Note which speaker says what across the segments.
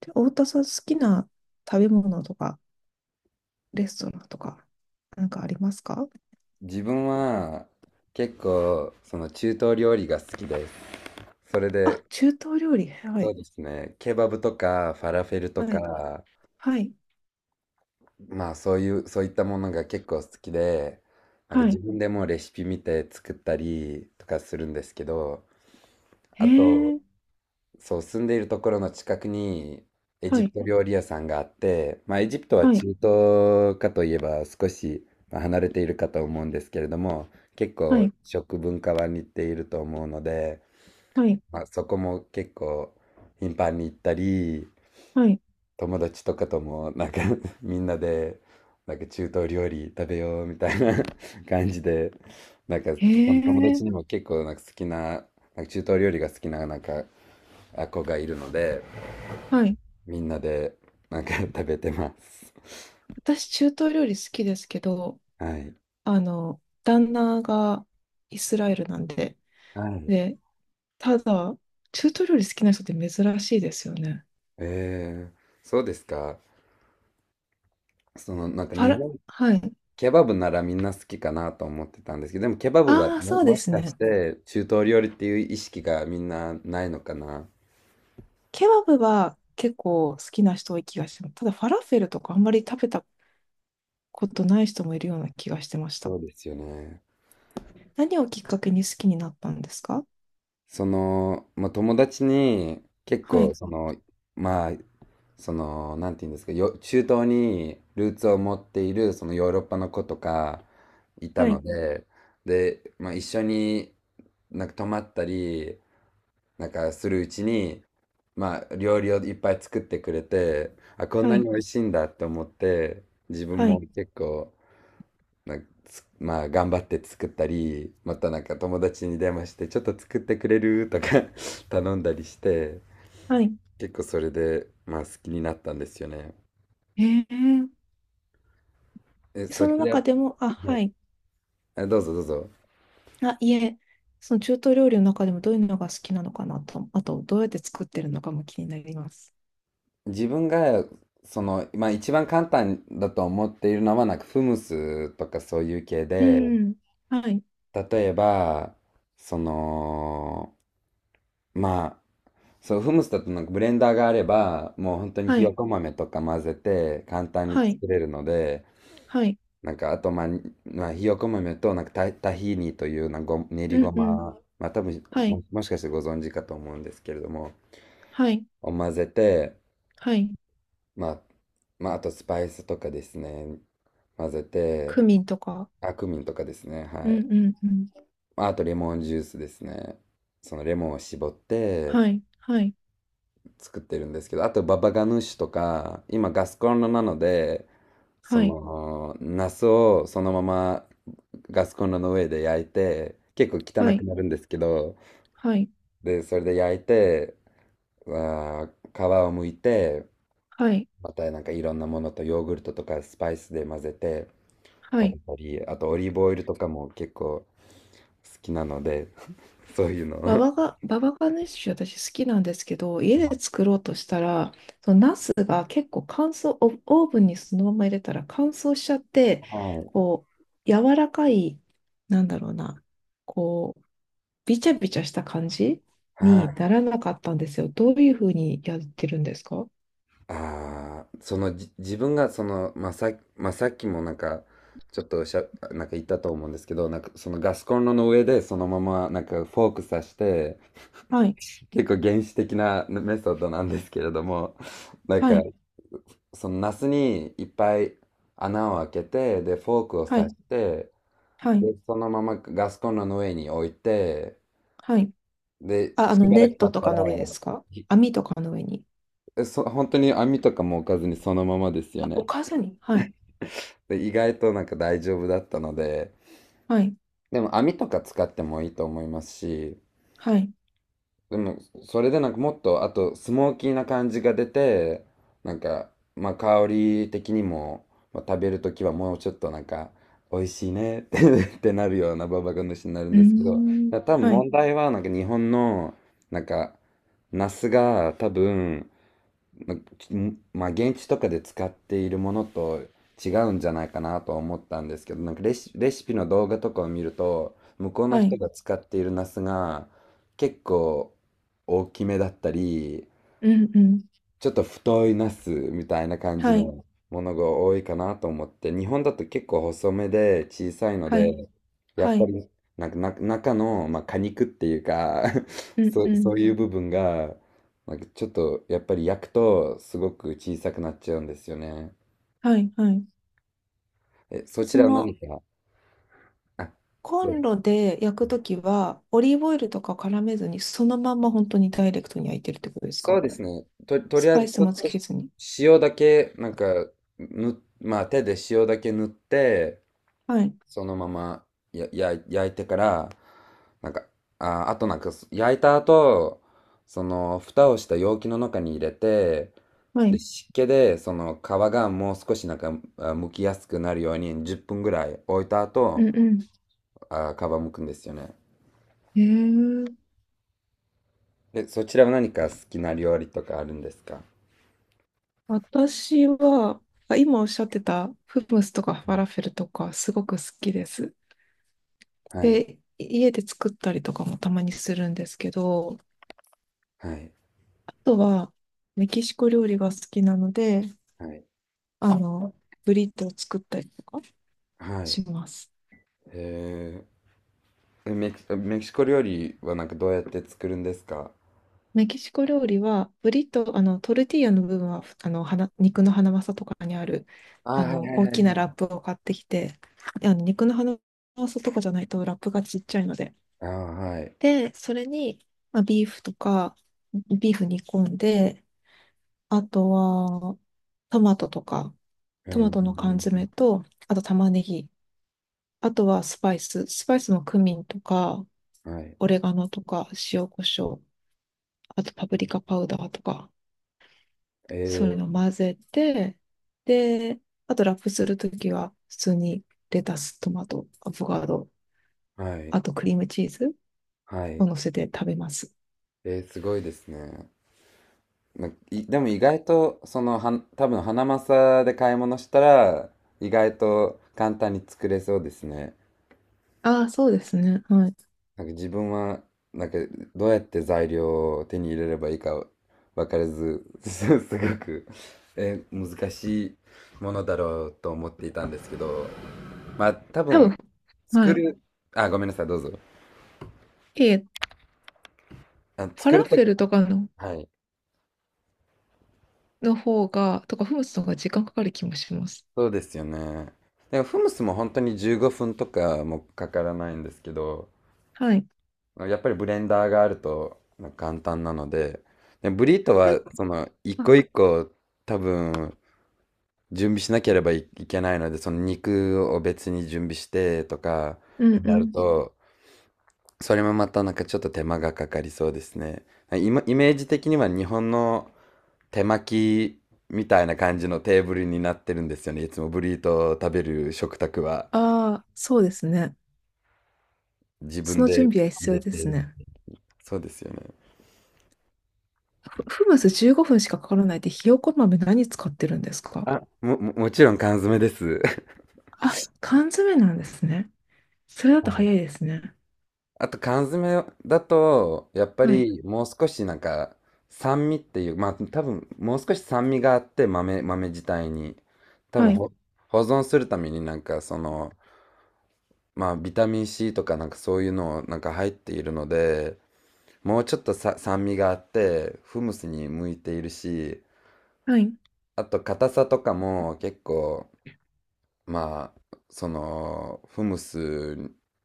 Speaker 1: で、太田さん好きな食べ物とか、レストランとか、なんかありますか？
Speaker 2: 自分は結構その中東料理が好きです。それで、
Speaker 1: あ、中東料理。は
Speaker 2: そう
Speaker 1: い。
Speaker 2: ですね、ケバブとかファラフェルと
Speaker 1: はい。
Speaker 2: か、
Speaker 1: はい。
Speaker 2: まあそういう、そういったものが結構好きで、なんか
Speaker 1: は
Speaker 2: 自
Speaker 1: い。
Speaker 2: 分でもレシピ見て作ったりとかするんですけど、
Speaker 1: へ
Speaker 2: あと、
Speaker 1: え。
Speaker 2: そう、住んでいるところの近くにエ
Speaker 1: は
Speaker 2: ジプ
Speaker 1: い。
Speaker 2: ト料理屋さんがあって、まあ、エジプトは
Speaker 1: は
Speaker 2: 中
Speaker 1: い。
Speaker 2: 東かといえば少しまあ離れているかと思うんですけれども、結
Speaker 1: は
Speaker 2: 構
Speaker 1: い。
Speaker 2: 食文化は似ていると思うので、
Speaker 1: はい。
Speaker 2: まあ、そこも結構頻繁に行ったり、
Speaker 1: はい。
Speaker 2: 友達とかともなんか みんなでなんか中東料理食べようみたいな 感じで、なんか
Speaker 1: へ
Speaker 2: その友達
Speaker 1: え。
Speaker 2: にも結構なんか好きな中東料理が好きななんか子がいるので、
Speaker 1: はい。
Speaker 2: みんなでなんか 食べてます。
Speaker 1: 私、中東料理好きですけど、
Speaker 2: はい、
Speaker 1: あの、旦那がイスラエルなんで。
Speaker 2: はい。
Speaker 1: で、ただ、中東料理好きな人って珍しいですよね。
Speaker 2: えー、そうですか？そのなんか
Speaker 1: ファ
Speaker 2: 日
Speaker 1: ラ、
Speaker 2: 本、
Speaker 1: はい。
Speaker 2: ケバブならみんな好きかなと思ってたんですけど、でもケバブは
Speaker 1: ああ、
Speaker 2: も、
Speaker 1: そうで
Speaker 2: もし
Speaker 1: す
Speaker 2: かし
Speaker 1: ね。
Speaker 2: て中東料理っていう意識がみんなないのかな。
Speaker 1: ケバブは結構好きな人多い気がしてます。ただファラフェルとかあんまり食べたことない人もいるような気がしてました。
Speaker 2: そうですよね。
Speaker 1: 何をきっかけに好きになったんですか？
Speaker 2: その、まあ、友達に結
Speaker 1: は
Speaker 2: 構
Speaker 1: い、
Speaker 2: その、まあ、その、なんて言うんですか、中東にルーツを持っている、そのヨーロッパの子とかいた
Speaker 1: は
Speaker 2: の
Speaker 1: い、
Speaker 2: で、で、まあ一緒になんか泊まったり、なんかするうちに、まあ料理をいっぱい作ってくれて、あ、こん
Speaker 1: は
Speaker 2: なに
Speaker 1: い、
Speaker 2: 美味しいんだって思って、自分
Speaker 1: は
Speaker 2: も
Speaker 1: い、
Speaker 2: 結構、なんかつまあ頑張って作ったり、またなんか友達に電話して、ちょっと作ってくれるとか 頼んだりして、
Speaker 1: はい。
Speaker 2: 結構それで、まあ好きになったんですよね。
Speaker 1: えー、
Speaker 2: え、そ
Speaker 1: その
Speaker 2: ちら、
Speaker 1: 中でも、あ、
Speaker 2: は
Speaker 1: は
Speaker 2: い、
Speaker 1: い、
Speaker 2: あ、どうぞどうぞ。
Speaker 1: あ、いえ、その中東料理の中でもどういうのが好きなのかなと、あとどうやって作ってるのかも気になります。
Speaker 2: 自分が、その、まあ一番簡単だと思っているのは、なんかフムスとかそういう系
Speaker 1: う
Speaker 2: で、
Speaker 1: ん、はい、
Speaker 2: 例えば、その、まあ、そう、フムスだとなんかブレンダーがあれば、もう本当に
Speaker 1: は
Speaker 2: ひよ
Speaker 1: い、
Speaker 2: こ豆とか混ぜて簡単に
Speaker 1: はい、
Speaker 2: 作れるので、
Speaker 1: はい、
Speaker 2: なんかあと、まあ、まあ、ひよこ豆となんかタヒーニというなんかご練り
Speaker 1: う
Speaker 2: ご
Speaker 1: ん、う
Speaker 2: ま、
Speaker 1: ん、
Speaker 2: まあ多分
Speaker 1: はい、
Speaker 2: も、もしかしてご存知かと思うんですけれども、
Speaker 1: はい、
Speaker 2: を混ぜて、
Speaker 1: はい、
Speaker 2: まあ、まあ、あとスパイスとかですね。混ぜて、
Speaker 1: クミンとか、
Speaker 2: あ、クミンとかですね。
Speaker 1: う
Speaker 2: は
Speaker 1: ん、
Speaker 2: い。
Speaker 1: うん、うん。
Speaker 2: まあとレモンジュースですね。そのレモンを絞って
Speaker 1: はい、はい、
Speaker 2: 作ってるんですけど、あとババガヌーシュとか、今ガスコンロなので、そ
Speaker 1: はい、
Speaker 2: の、ナスをそのままガスコンロの上で焼いて、結構
Speaker 1: は
Speaker 2: 汚く
Speaker 1: い、
Speaker 2: なるんですけど、
Speaker 1: はい、
Speaker 2: で、それで焼いて、あ皮を剥いて、
Speaker 1: はい、
Speaker 2: またなんかいろんなものとヨーグルトとかスパイスで混ぜて、
Speaker 1: は
Speaker 2: 食べ
Speaker 1: い。
Speaker 2: たり、あとオリーブオイルとかも結構好きなので、そういうのを。
Speaker 1: ババガネッシュ私好きなんですけど、家で作ろうとしたら、そのナスが結構乾燥、オオーブンにそのまま入れたら乾燥しちゃって、
Speaker 2: は
Speaker 1: こう、柔らかい、なんだろうな、こう、びちゃびちゃした感じ
Speaker 2: い。
Speaker 1: に
Speaker 2: はい。
Speaker 1: ならなかったんですよ。どういうふうにやってるんですか？
Speaker 2: ああ、そのじ、自分がその、まあ、まあ、さっきもなんか、ちょっとしゃ、なんか言ったと思うんですけど、なんかそのガスコンロの上でそのままなんかフォーク刺して、
Speaker 1: はい、
Speaker 2: 結構原始的なねメソッドなんですけれども、なん
Speaker 1: は
Speaker 2: か
Speaker 1: い、
Speaker 2: そのナスにいっぱい穴を開けて、で、フォークを
Speaker 1: は
Speaker 2: 刺
Speaker 1: い、
Speaker 2: して、
Speaker 1: はい、
Speaker 2: で、そのままガスコンロの上に置いて、
Speaker 1: はい。
Speaker 2: で、
Speaker 1: あ、あ
Speaker 2: し
Speaker 1: の、
Speaker 2: ば
Speaker 1: ネ
Speaker 2: らく
Speaker 1: ッ
Speaker 2: 経
Speaker 1: ト
Speaker 2: っ
Speaker 1: と
Speaker 2: た
Speaker 1: か
Speaker 2: ら、
Speaker 1: の上ですか？
Speaker 2: ひ
Speaker 1: 網とかの上に。
Speaker 2: えそ、本当に網とかも置かずにそのままですよ
Speaker 1: お
Speaker 2: ね。
Speaker 1: 母さんに。はい。
Speaker 2: で、意外となんか大丈夫だったので、
Speaker 1: はい。
Speaker 2: でも網とか使ってもいいと思いますし、
Speaker 1: はい。
Speaker 2: でもそれでなんかもっと、あとスモーキーな感じが出て、なんか、まあ香り的にも、まあ、食べるときはもうちょっとなんか、美味しいねって ってなるようなババガ主になるん
Speaker 1: うー
Speaker 2: ですけど、
Speaker 1: ん。
Speaker 2: 多分
Speaker 1: はい。
Speaker 2: 問題はなんか日本の、なんか、ナスが多分、まあ、現地とかで使っているものと違うんじゃないかなとは思ったんですけど、なんかレシピの動画とかを見ると、向こうの
Speaker 1: は
Speaker 2: 人
Speaker 1: い。
Speaker 2: が使っているナスが結構大きめだったり、
Speaker 1: うんうん。
Speaker 2: ちょっと太いナスみたいな感じ
Speaker 1: はい。
Speaker 2: のものが多いかなと思って、日本だと結構細めで小さいの
Speaker 1: はい。
Speaker 2: で、やっ
Speaker 1: は
Speaker 2: ぱ
Speaker 1: い。
Speaker 2: りなんかな中の、まあ、果肉っていうか
Speaker 1: うん
Speaker 2: そ
Speaker 1: う
Speaker 2: う、そ
Speaker 1: ん。
Speaker 2: ういう部分が、なんかちょっとやっぱり焼くとすごく小さくなっちゃうんですよね。
Speaker 1: はい。はい。
Speaker 2: え、そち
Speaker 1: そ
Speaker 2: らは何
Speaker 1: の、
Speaker 2: か、あ、
Speaker 1: コ
Speaker 2: どうぞ。
Speaker 1: ンロで焼くときは、オリーブオイルとか絡めずに、そのまんま本当にダイレクトに焼いてるってことです
Speaker 2: そう
Speaker 1: か？
Speaker 2: ですね。と、と
Speaker 1: ス
Speaker 2: りあえ
Speaker 1: パ
Speaker 2: ず
Speaker 1: イス
Speaker 2: ちょっ
Speaker 1: もつ
Speaker 2: と
Speaker 1: けずに。
Speaker 2: 塩だけ、なんか、まあ手で塩だけ塗って、
Speaker 1: はい。
Speaker 2: そのままやや焼いてから、なんか、ああ、と、なんか焼いた後その蓋をした容器の中に入れて、
Speaker 1: は
Speaker 2: で、
Speaker 1: い。
Speaker 2: 湿気でその皮がもう少しなんか、あ、剥きやすくなるように10分ぐらい置いた
Speaker 1: う
Speaker 2: 後、
Speaker 1: んうん。
Speaker 2: あ、皮剥くんですよね。
Speaker 1: ええ、
Speaker 2: で、そちらは何か好きな料理とかあるんですか？
Speaker 1: 私は、あ、今おっしゃってた、フムスとかファラフェルとか、すごく好きです。
Speaker 2: はい、
Speaker 1: で、家で作ったりとかもたまにするんですけど、
Speaker 2: はい、
Speaker 1: あとはメキシコ料理が好きなので、
Speaker 2: はい、
Speaker 1: あの、ブリトーを作ったりとか
Speaker 2: はい。
Speaker 1: します。
Speaker 2: へえ、メキシコ料理はなんかどうやって作るんですか？
Speaker 1: メキシコ料理は、ブリトー、あの、トルティーヤの部分は、あの、花肉のハナマサとかにある、
Speaker 2: あ、
Speaker 1: あ
Speaker 2: はい、は
Speaker 1: の、
Speaker 2: い、
Speaker 1: 大
Speaker 2: はい、
Speaker 1: きな
Speaker 2: はい。
Speaker 1: ラップを買ってきて、あの肉のハナマサとかじゃないとラップがちっちゃいので。
Speaker 2: あ、はい。
Speaker 1: で、それに、まあ、ビーフとか、ビーフ煮込んで、あとは、トマトとか、
Speaker 2: うん、
Speaker 1: ト
Speaker 2: うん、
Speaker 1: マトの缶
Speaker 2: うん。
Speaker 1: 詰と、あと玉ねぎ。あとはスパイス。スパイスもクミンとか、
Speaker 2: はい。
Speaker 1: オレガノとか、塩コショウ。あとパプリカパウダーとか、
Speaker 2: え
Speaker 1: そういうの
Speaker 2: ー、
Speaker 1: 混ぜて、で、あとラップするときは、普通にレタス、トマト、アボカド、
Speaker 2: はい。
Speaker 1: あとクリームチーズ
Speaker 2: は
Speaker 1: を
Speaker 2: い。
Speaker 1: 乗せて食べます。
Speaker 2: えー、すごいですね。ないでも意外と、その、多分、ハナマサで買い物したら、意外と簡単に作れそうですね。
Speaker 1: ああ、そうですね。はい。
Speaker 2: なんか自分は、なんか、どうやって材料を手に入れればいいか分からず、すごく、えー、難しいものだろうと思っていたんですけど、まあ、多
Speaker 1: 多
Speaker 2: 分、
Speaker 1: 分、は
Speaker 2: 作
Speaker 1: い。
Speaker 2: る、あ、ごめんなさい、どうぞ。
Speaker 1: え、
Speaker 2: あ、
Speaker 1: ファ
Speaker 2: 作る
Speaker 1: ラ
Speaker 2: と
Speaker 1: フェ
Speaker 2: き、
Speaker 1: ルとかの
Speaker 2: はい。
Speaker 1: の方が、とか、フムスの方が時間かかる気もします。
Speaker 2: そうですよね。でもフムスも本当に15分とかもかからないんですけど、
Speaker 1: はい。
Speaker 2: やっぱりブレンダーがあると簡単なので、でブリート
Speaker 1: え、
Speaker 2: はその一個
Speaker 1: あ、
Speaker 2: 一個多分準備しなければいいけないので、その肉を別に準備してとか
Speaker 1: うん
Speaker 2: に
Speaker 1: う
Speaker 2: なる
Speaker 1: ん。
Speaker 2: と、それもまたなんかちょっと手間がかかりそうですね。イメージ的には日本の手巻きみたいな感じのテーブルになってるんですよね。いつもブリートを食べる食卓は。
Speaker 1: ああ、そうですね。
Speaker 2: 自
Speaker 1: そ
Speaker 2: 分
Speaker 1: の
Speaker 2: で
Speaker 1: 準備は
Speaker 2: 入
Speaker 1: 必要
Speaker 2: れ
Speaker 1: です
Speaker 2: て。
Speaker 1: ね。
Speaker 2: そうですよね。
Speaker 1: フフムス15分しかかからないで、ひよこ豆何使ってるんですか？
Speaker 2: あ、もちろん缶詰です。
Speaker 1: あ、缶詰なんですね。それだ
Speaker 2: は
Speaker 1: と
Speaker 2: い。
Speaker 1: 早いですね。
Speaker 2: あと缶詰だと、やっぱ
Speaker 1: はい。
Speaker 2: りもう少しなんか酸味っていう、まあ多分もう少し酸味があって豆、豆自体に。多
Speaker 1: は
Speaker 2: 分
Speaker 1: い。
Speaker 2: ほ保存するためになんかその、まあビタミン C とかなんかそういうのなんか入っているので、もうちょっと酸味があって、フムスに向いているし、
Speaker 1: はい。う
Speaker 2: あと硬さとかも結構まあ、その、フムス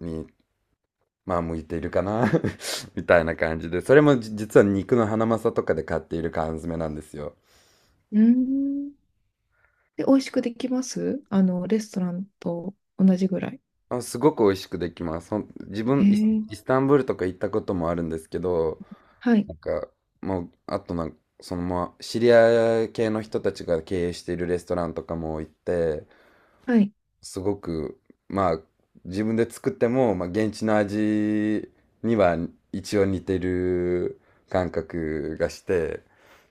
Speaker 2: に、まあ、向いているかな みたいな感じで、それも実は肉のハナマサとかで買っている缶詰なんですよ。
Speaker 1: ーん。で、美味しくできます？あの、レストランと同じぐらい。
Speaker 2: あ、すごく美味しくできます。自
Speaker 1: へ
Speaker 2: 分、イス、
Speaker 1: え。
Speaker 2: イスタンブールとか行ったこともあるんですけど、
Speaker 1: はい。
Speaker 2: なんか、もう、あとなんか、そのまあ、シリア系の人たちが経営しているレストランとかも行って、
Speaker 1: はい。
Speaker 2: すごく、まあ、自分で作っても、まあ、現地の味には一応似てる感覚がして、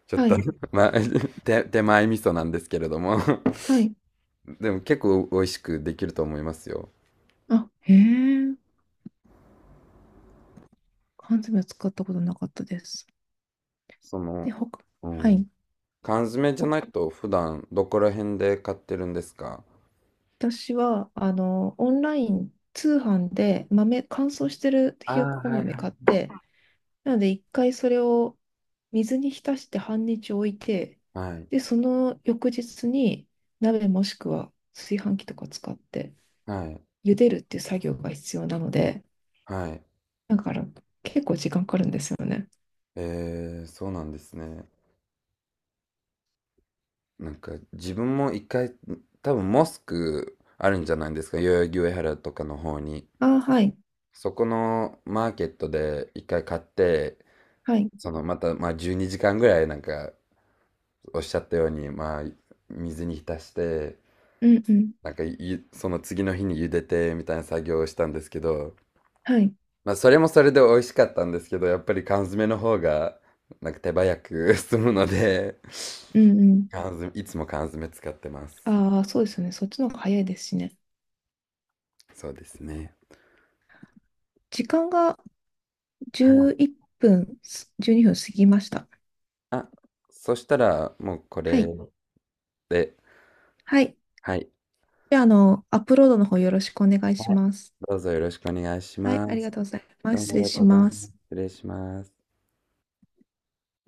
Speaker 2: ちょっ
Speaker 1: は
Speaker 2: と
Speaker 1: い。
Speaker 2: まあ、手前味噌なんですけれども
Speaker 1: はい。
Speaker 2: でも結構美味しくできると思いますよ。
Speaker 1: あ、へえ。缶詰は使ったことなかったです。
Speaker 2: そ
Speaker 1: で、
Speaker 2: の、
Speaker 1: ほか、
Speaker 2: う
Speaker 1: は
Speaker 2: ん。
Speaker 1: い。
Speaker 2: 缶詰じゃ
Speaker 1: ほ、
Speaker 2: ないと普段どこら辺で買ってるんですか？
Speaker 1: 私は、あの、オンライン通販で豆、乾燥してる
Speaker 2: あ
Speaker 1: ひよ
Speaker 2: あ
Speaker 1: こ
Speaker 2: ー、はい、
Speaker 1: 豆
Speaker 2: はい。
Speaker 1: 買って、なので一回それを水に浸して半日置いて、
Speaker 2: はい、
Speaker 1: で、その翌日に鍋もしくは炊飯器とか使って
Speaker 2: はい、
Speaker 1: 茹でるっていう作業が必要なので、
Speaker 2: はい。
Speaker 1: だから結構時間かかるんですよね。
Speaker 2: えー、そうなんですね。なんか自分も一回、多分モスクあるんじゃないですか、代々木上原とかの方に。
Speaker 1: ああ、はい。
Speaker 2: そこのマーケットで一回買って、
Speaker 1: はい。
Speaker 2: そのまたまあ12時間ぐらいなんかおっしゃったようにまあ水に浸して、
Speaker 1: うんうん。
Speaker 2: なんかその次の日に茹でてみたいな作業をしたんですけど、
Speaker 1: はい。
Speaker 2: まあ、それもそれで美味しかったんですけど、やっぱり缶詰の方がなんか手早く 済むので、
Speaker 1: うんうん。
Speaker 2: 缶詰、いつも缶詰使ってます。
Speaker 1: ああ、そうですよね。そっちの方が早いですしね。
Speaker 2: そうですね。
Speaker 1: 時間が11分、12分過ぎました。
Speaker 2: あ、そしたら、もうこ
Speaker 1: は
Speaker 2: れ
Speaker 1: い。
Speaker 2: で、
Speaker 1: はい。
Speaker 2: はい、
Speaker 1: じゃあ、あの、アップロードの方よろしくお願いします。
Speaker 2: どうぞよろしくお願いし
Speaker 1: はい、あ
Speaker 2: ま
Speaker 1: りが
Speaker 2: す。
Speaker 1: とうございま
Speaker 2: ど
Speaker 1: す。
Speaker 2: うも
Speaker 1: 失
Speaker 2: あり
Speaker 1: 礼
Speaker 2: がと
Speaker 1: し
Speaker 2: うござ
Speaker 1: ま
Speaker 2: います。
Speaker 1: す。
Speaker 2: 失礼します。